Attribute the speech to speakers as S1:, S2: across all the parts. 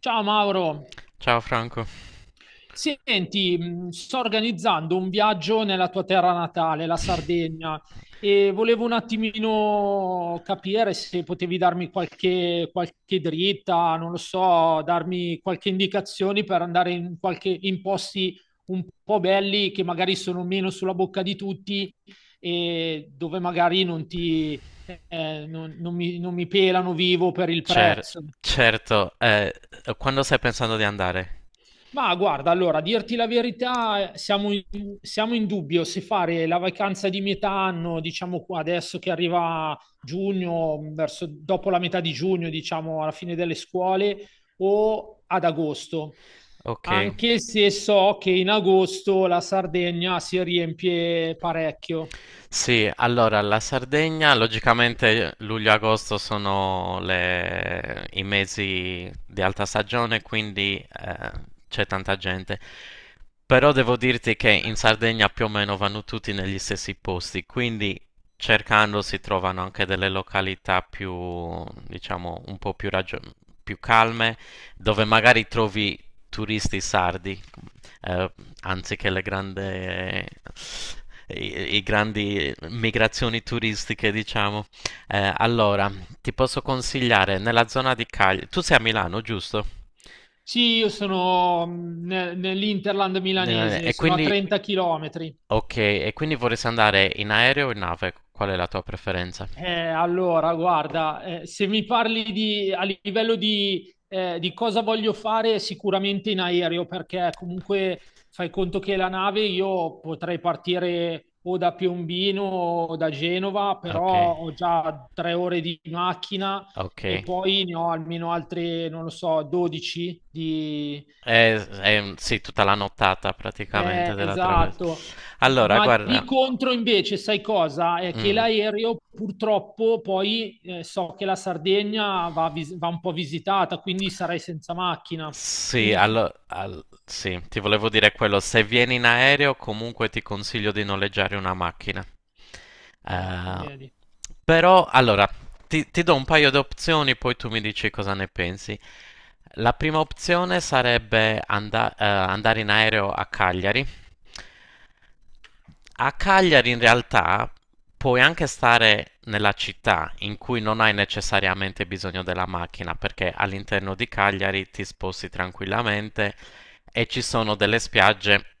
S1: Ciao Mauro,
S2: Ciao Franco.
S1: senti, sto organizzando un viaggio nella tua terra natale, la Sardegna, e volevo un attimino capire se potevi darmi qualche dritta, non lo so, darmi qualche indicazione per andare in, qualche, in posti un po' belli che magari sono meno sulla bocca di tutti e dove magari non ti, non mi pelano vivo per il
S2: Cer-
S1: prezzo.
S2: certo, quando stai pensando di andare?
S1: Ma guarda, allora, a dirti la verità, siamo in dubbio se fare la vacanza di metà anno, diciamo qua adesso che arriva giugno, verso, dopo la metà di giugno, diciamo alla fine delle scuole, o ad agosto.
S2: Ok.
S1: Anche se so che in agosto la Sardegna si riempie parecchio.
S2: Sì, allora la Sardegna, logicamente luglio e agosto sono i mesi di alta stagione, quindi eh, c'è tanta gente. Però devo dirti che in Sardegna più o meno vanno tutti negli stessi posti, quindi cercando si trovano anche delle località più, diciamo, un po' più, più calme, dove magari trovi turisti sardi, eh, anziché le grandi, i grandi migrazioni turistiche, diciamo. Allora, ti posso consigliare nella zona di Cagliari. Tu sei a Milano, giusto?
S1: Sì, io sono nell'Interland
S2: Eh,
S1: milanese,
S2: E
S1: sono a
S2: quindi,
S1: 30 km.
S2: ok, e quindi vorresti andare in aereo o in nave? Qual è la tua preferenza?
S1: Allora, guarda, se mi parli di, a livello di cosa voglio fare, sicuramente in aereo, perché comunque fai conto che la nave io potrei partire o da Piombino o da Genova,
S2: Ok,
S1: però ho già 3 ore di macchina e
S2: ok.
S1: poi ne ho almeno altre, non lo so, 12 di.
S2: Sì, tutta la nottata praticamente
S1: Eh,
S2: della traversa.
S1: esatto.
S2: Allora,
S1: Ma
S2: guarda,
S1: di contro invece, sai cosa? È che
S2: mm.
S1: l'aereo purtroppo poi so che la Sardegna va, va un po' visitata, quindi sarei senza macchina.
S2: Sì,
S1: Quindi,
S2: sì, ti volevo dire quello, se vieni in aereo comunque ti consiglio di noleggiare una macchina.
S1: ecco,
S2: Eh,
S1: vedi.
S2: però, allora, ti do un paio di opzioni, poi tu mi dici cosa ne pensi. La prima opzione sarebbe andare in aereo a Cagliari. A Cagliari in realtà puoi anche stare nella città in cui non hai necessariamente bisogno della macchina, perché all'interno di Cagliari ti sposti tranquillamente e ci sono delle spiagge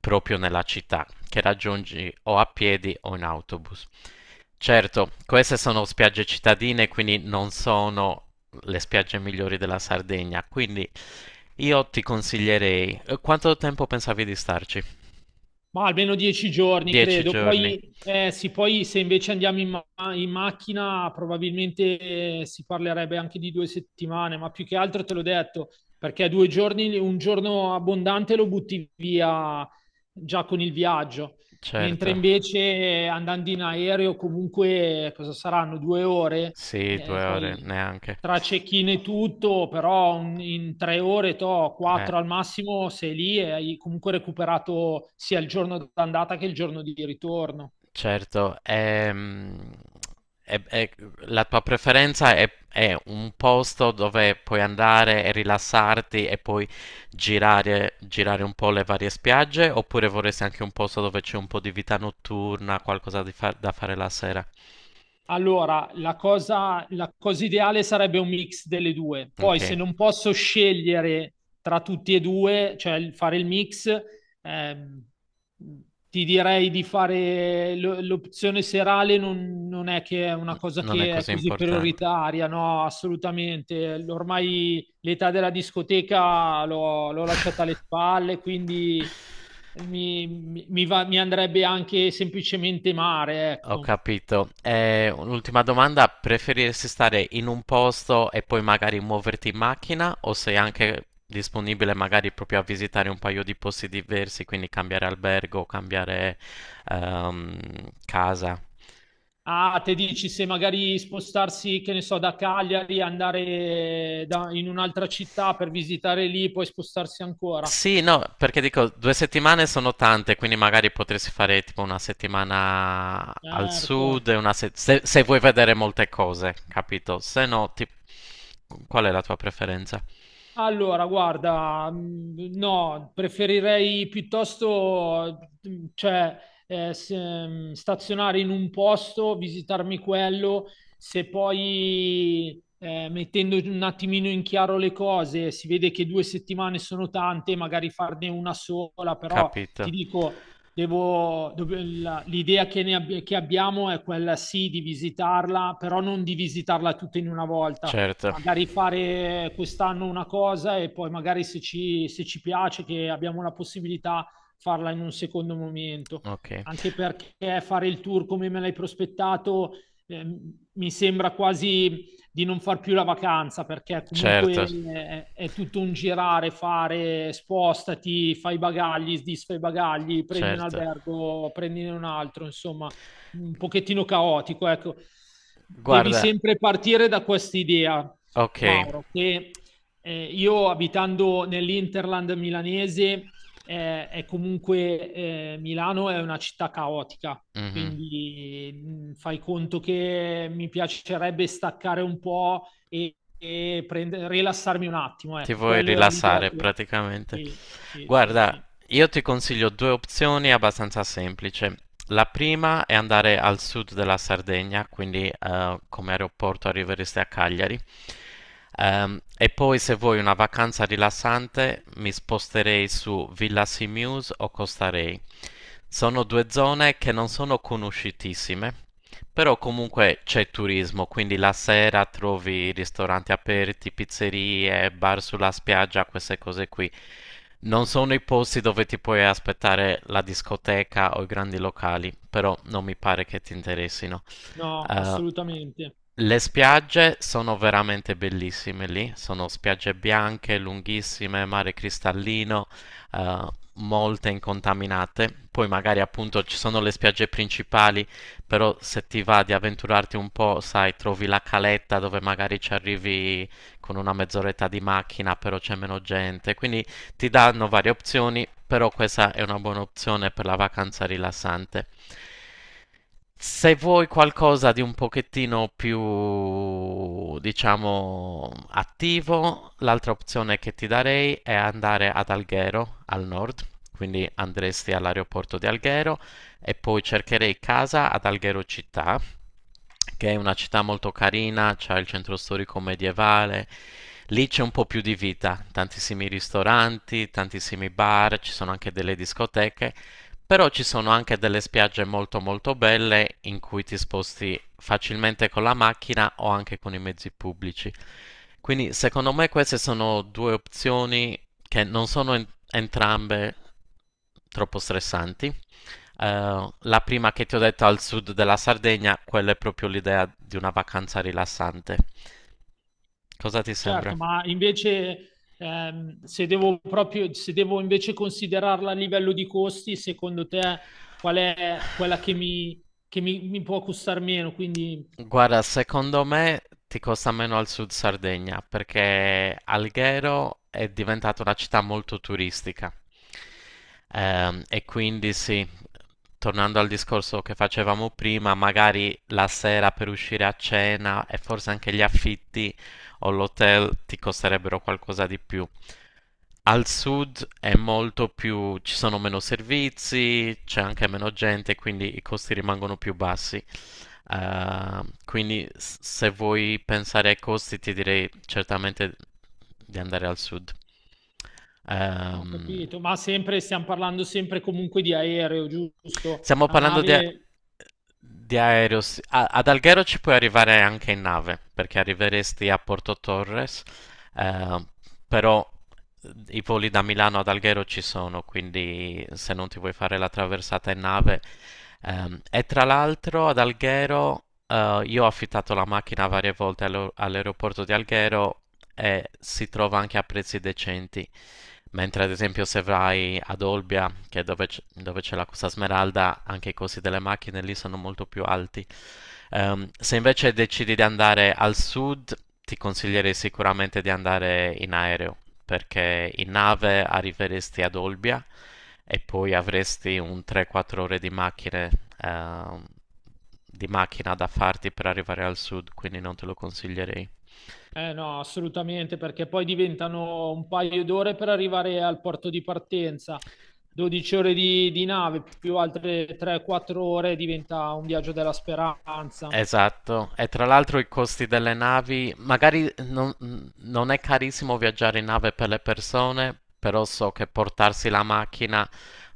S2: proprio nella città che raggiungi o a piedi o in autobus. Certo, queste sono spiagge cittadine, quindi non sono le spiagge migliori della Sardegna, quindi io ti consiglierei. Quanto tempo pensavi di starci?
S1: Ma almeno 10 giorni,
S2: Dieci
S1: credo.
S2: giorni,
S1: Poi, sì, poi se invece andiamo in, in macchina, probabilmente si parlerebbe anche di 2 settimane, ma più che altro te l'ho detto, perché 2 giorni, un giorno abbondante lo butti via già con il viaggio, mentre
S2: certo.
S1: invece andando in aereo comunque cosa saranno 2 ore?
S2: Sì,
S1: Eh,
S2: due ore
S1: poi
S2: neanche.
S1: tra cecchine e tutto, però in 3 ore, to,
S2: Eh,
S1: quattro al massimo, sei lì e hai comunque recuperato sia il giorno d'andata che il giorno di ritorno.
S2: certo, è- è- la tua preferenza è un posto dove puoi andare e rilassarti e poi girare, girare un po' le varie spiagge, oppure vorresti anche un posto dove c'è un po' di vita notturna, qualcosa di da fare la sera?
S1: Allora, la cosa ideale sarebbe un mix delle due.
S2: Ok,
S1: Poi, se non posso scegliere tra tutti e due, cioè fare il mix, ehm, ti direi di fare l'opzione serale, non è che è una cosa
S2: non è
S1: che è
S2: così
S1: così
S2: importante.
S1: prioritaria, no, assolutamente. Ormai l'età della discoteca l'ho lasciata alle spalle, quindi mi andrebbe anche semplicemente mare,
S2: Ho
S1: ecco.
S2: capito. Un'ultima domanda, preferiresti stare in un posto e poi magari muoverti in macchina, o sei anche disponibile magari proprio a visitare un paio di posti diversi, quindi cambiare albergo, cambiare ehm, casa?
S1: Ah, te dici se magari spostarsi, che ne so, da Cagliari, andare in un'altra città per visitare lì, poi spostarsi ancora.
S2: Sì, no, perché dico, due settimane sono tante, quindi magari potresti fare tipo una settimana al
S1: Certo.
S2: sud, e una se, se vuoi vedere molte cose, capito? Se no, ti- qual è la tua preferenza?
S1: Allora, guarda, no, preferirei piuttosto, cioè, stazionare in un posto, visitarmi quello, se poi, mettendo un attimino in chiaro le cose, si vede che 2 settimane sono tante, magari farne una sola, però ti
S2: Capito,
S1: dico, l'idea che, che abbiamo è quella sì di visitarla, però non di visitarla tutta in una volta
S2: certo.
S1: magari fare quest'anno una cosa e poi magari se ci piace che abbiamo la possibilità farla in un secondo momento.
S2: Ok,
S1: Anche perché fare il tour come me l'hai prospettato eh, mi sembra quasi di non far più la vacanza perché comunque
S2: certo,
S1: è tutto un girare, fare, spostati, fai i bagagli, disfai i bagagli, prendi un
S2: certo.
S1: albergo, prendine un altro, insomma, un pochettino caotico, ecco. Devi
S2: Guarda,
S1: sempre partire da questa idea
S2: ok,
S1: Mauro, che io abitando nell'Interland milanese, è comunque Milano è una città caotica,
S2: mhm.
S1: quindi fai conto che mi piacerebbe staccare un po' e rilassarmi un attimo,
S2: Ti
S1: ecco,
S2: vuoi
S1: quello è l'idea
S2: rilassare
S1: che...
S2: praticamente.
S1: Sì, sì, sì,
S2: Guarda,
S1: sì.
S2: io ti consiglio due opzioni abbastanza semplici. La prima è andare al sud della Sardegna, quindi come aeroporto arriveresti a Cagliari. E poi se vuoi una vacanza rilassante mi sposterei su Villa Simius o Costa Rey. Sono due zone che non sono conosciutissime, però comunque c'è turismo, quindi la sera trovi ristoranti aperti, pizzerie, bar sulla spiaggia, queste cose qui. Non sono i posti dove ti puoi aspettare la discoteca o i grandi locali, però non mi pare che ti interessino.
S1: No,
S2: Eh,
S1: assolutamente.
S2: le spiagge sono veramente bellissime lì, sono spiagge bianche, lunghissime, mare cristallino, eh, molte incontaminate. Poi magari appunto ci sono le spiagge principali, però se ti va di avventurarti un po', sai, trovi la caletta dove magari ci arrivi con una mezz'oretta di macchina, però c'è meno gente. Quindi ti danno varie opzioni, però questa è una buona opzione per la vacanza rilassante. Se vuoi qualcosa di un pochettino più, diciamo, attivo, l'altra opzione che ti darei è andare ad Alghero, al nord, quindi andresti all'aeroporto di Alghero e poi cercherei casa ad Alghero città, che è una città molto carina, c'è il centro storico medievale, lì c'è un po' più di vita, tantissimi ristoranti, tantissimi bar, ci sono anche delle discoteche, però ci sono anche delle spiagge molto molto belle in cui ti sposti facilmente con la macchina o anche con i mezzi pubblici. Quindi secondo me queste sono due opzioni che non sono entrambe troppo stressanti. La prima che ti ho detto al sud della Sardegna, quella è proprio l'idea di una vacanza rilassante. Cosa ti sembra?
S1: Certo, ma invece se devo proprio, se devo invece considerarla a livello di costi, secondo te qual è quella che mi può costare meno? Quindi
S2: Guarda, secondo me ti costa meno al sud Sardegna, perché Alghero è diventata una città molto turistica. E quindi sì, tornando al discorso che facevamo prima, magari la sera per uscire a cena e forse anche gli affitti o l'hotel ti costerebbero qualcosa di più. Al sud è molto più, ci sono meno servizi, c'è anche meno gente, quindi i costi rimangono più bassi. Eh, quindi se vuoi pensare ai costi, ti direi certamente di andare al sud.
S1: ho
S2: Ehm,
S1: capito, ma sempre stiamo parlando sempre comunque di aereo, giusto?
S2: Stiamo
S1: La
S2: parlando di,
S1: nave,
S2: di aereo. Sì. Ad Alghero ci puoi arrivare anche in nave, perché arriveresti a Porto Torres, eh, però i voli da Milano ad Alghero ci sono, quindi se non ti vuoi fare la traversata in nave. Ehm, e tra l'altro ad Alghero, io ho affittato la macchina varie volte all'aeroporto di Alghero e si trova anche a prezzi decenti. Mentre ad esempio se vai ad Olbia, che è dove, dove c'è la Costa Smeralda, anche i costi delle macchine lì sono molto più alti. Se invece decidi di andare al sud, ti consiglierei sicuramente di andare in aereo, perché in nave arriveresti ad Olbia e poi avresti un 3-4 ore di macchine, ehm, di macchina da farti per arrivare al sud, quindi non te lo consiglierei.
S1: eh no, assolutamente, perché poi diventano un paio d'ore per arrivare al porto di partenza. 12 ore di nave più altre 3-4 ore diventa un viaggio della speranza.
S2: Esatto, e tra l'altro i costi delle navi, magari non, non è carissimo viaggiare in nave per le persone, però so che portarsi la macchina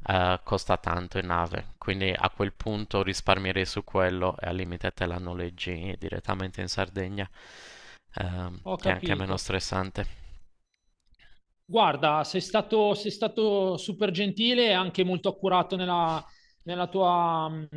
S2: costa tanto in nave, quindi a quel punto risparmierei su quello e al limite te la noleggi direttamente in Sardegna,
S1: Ho
S2: che è anche meno
S1: capito.
S2: stressante.
S1: Guarda, sei stato super gentile e anche molto accurato nella tua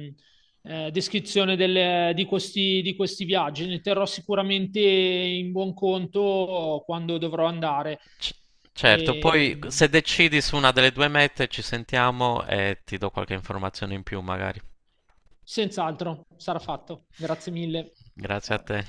S1: descrizione di questi viaggi. Ne terrò sicuramente in buon conto quando dovrò andare.
S2: C- certo,
S1: E,
S2: poi se decidi su una delle due mete ci sentiamo e ti do qualche informazione in più magari.
S1: senz'altro sarà fatto. Grazie mille.
S2: Grazie a te.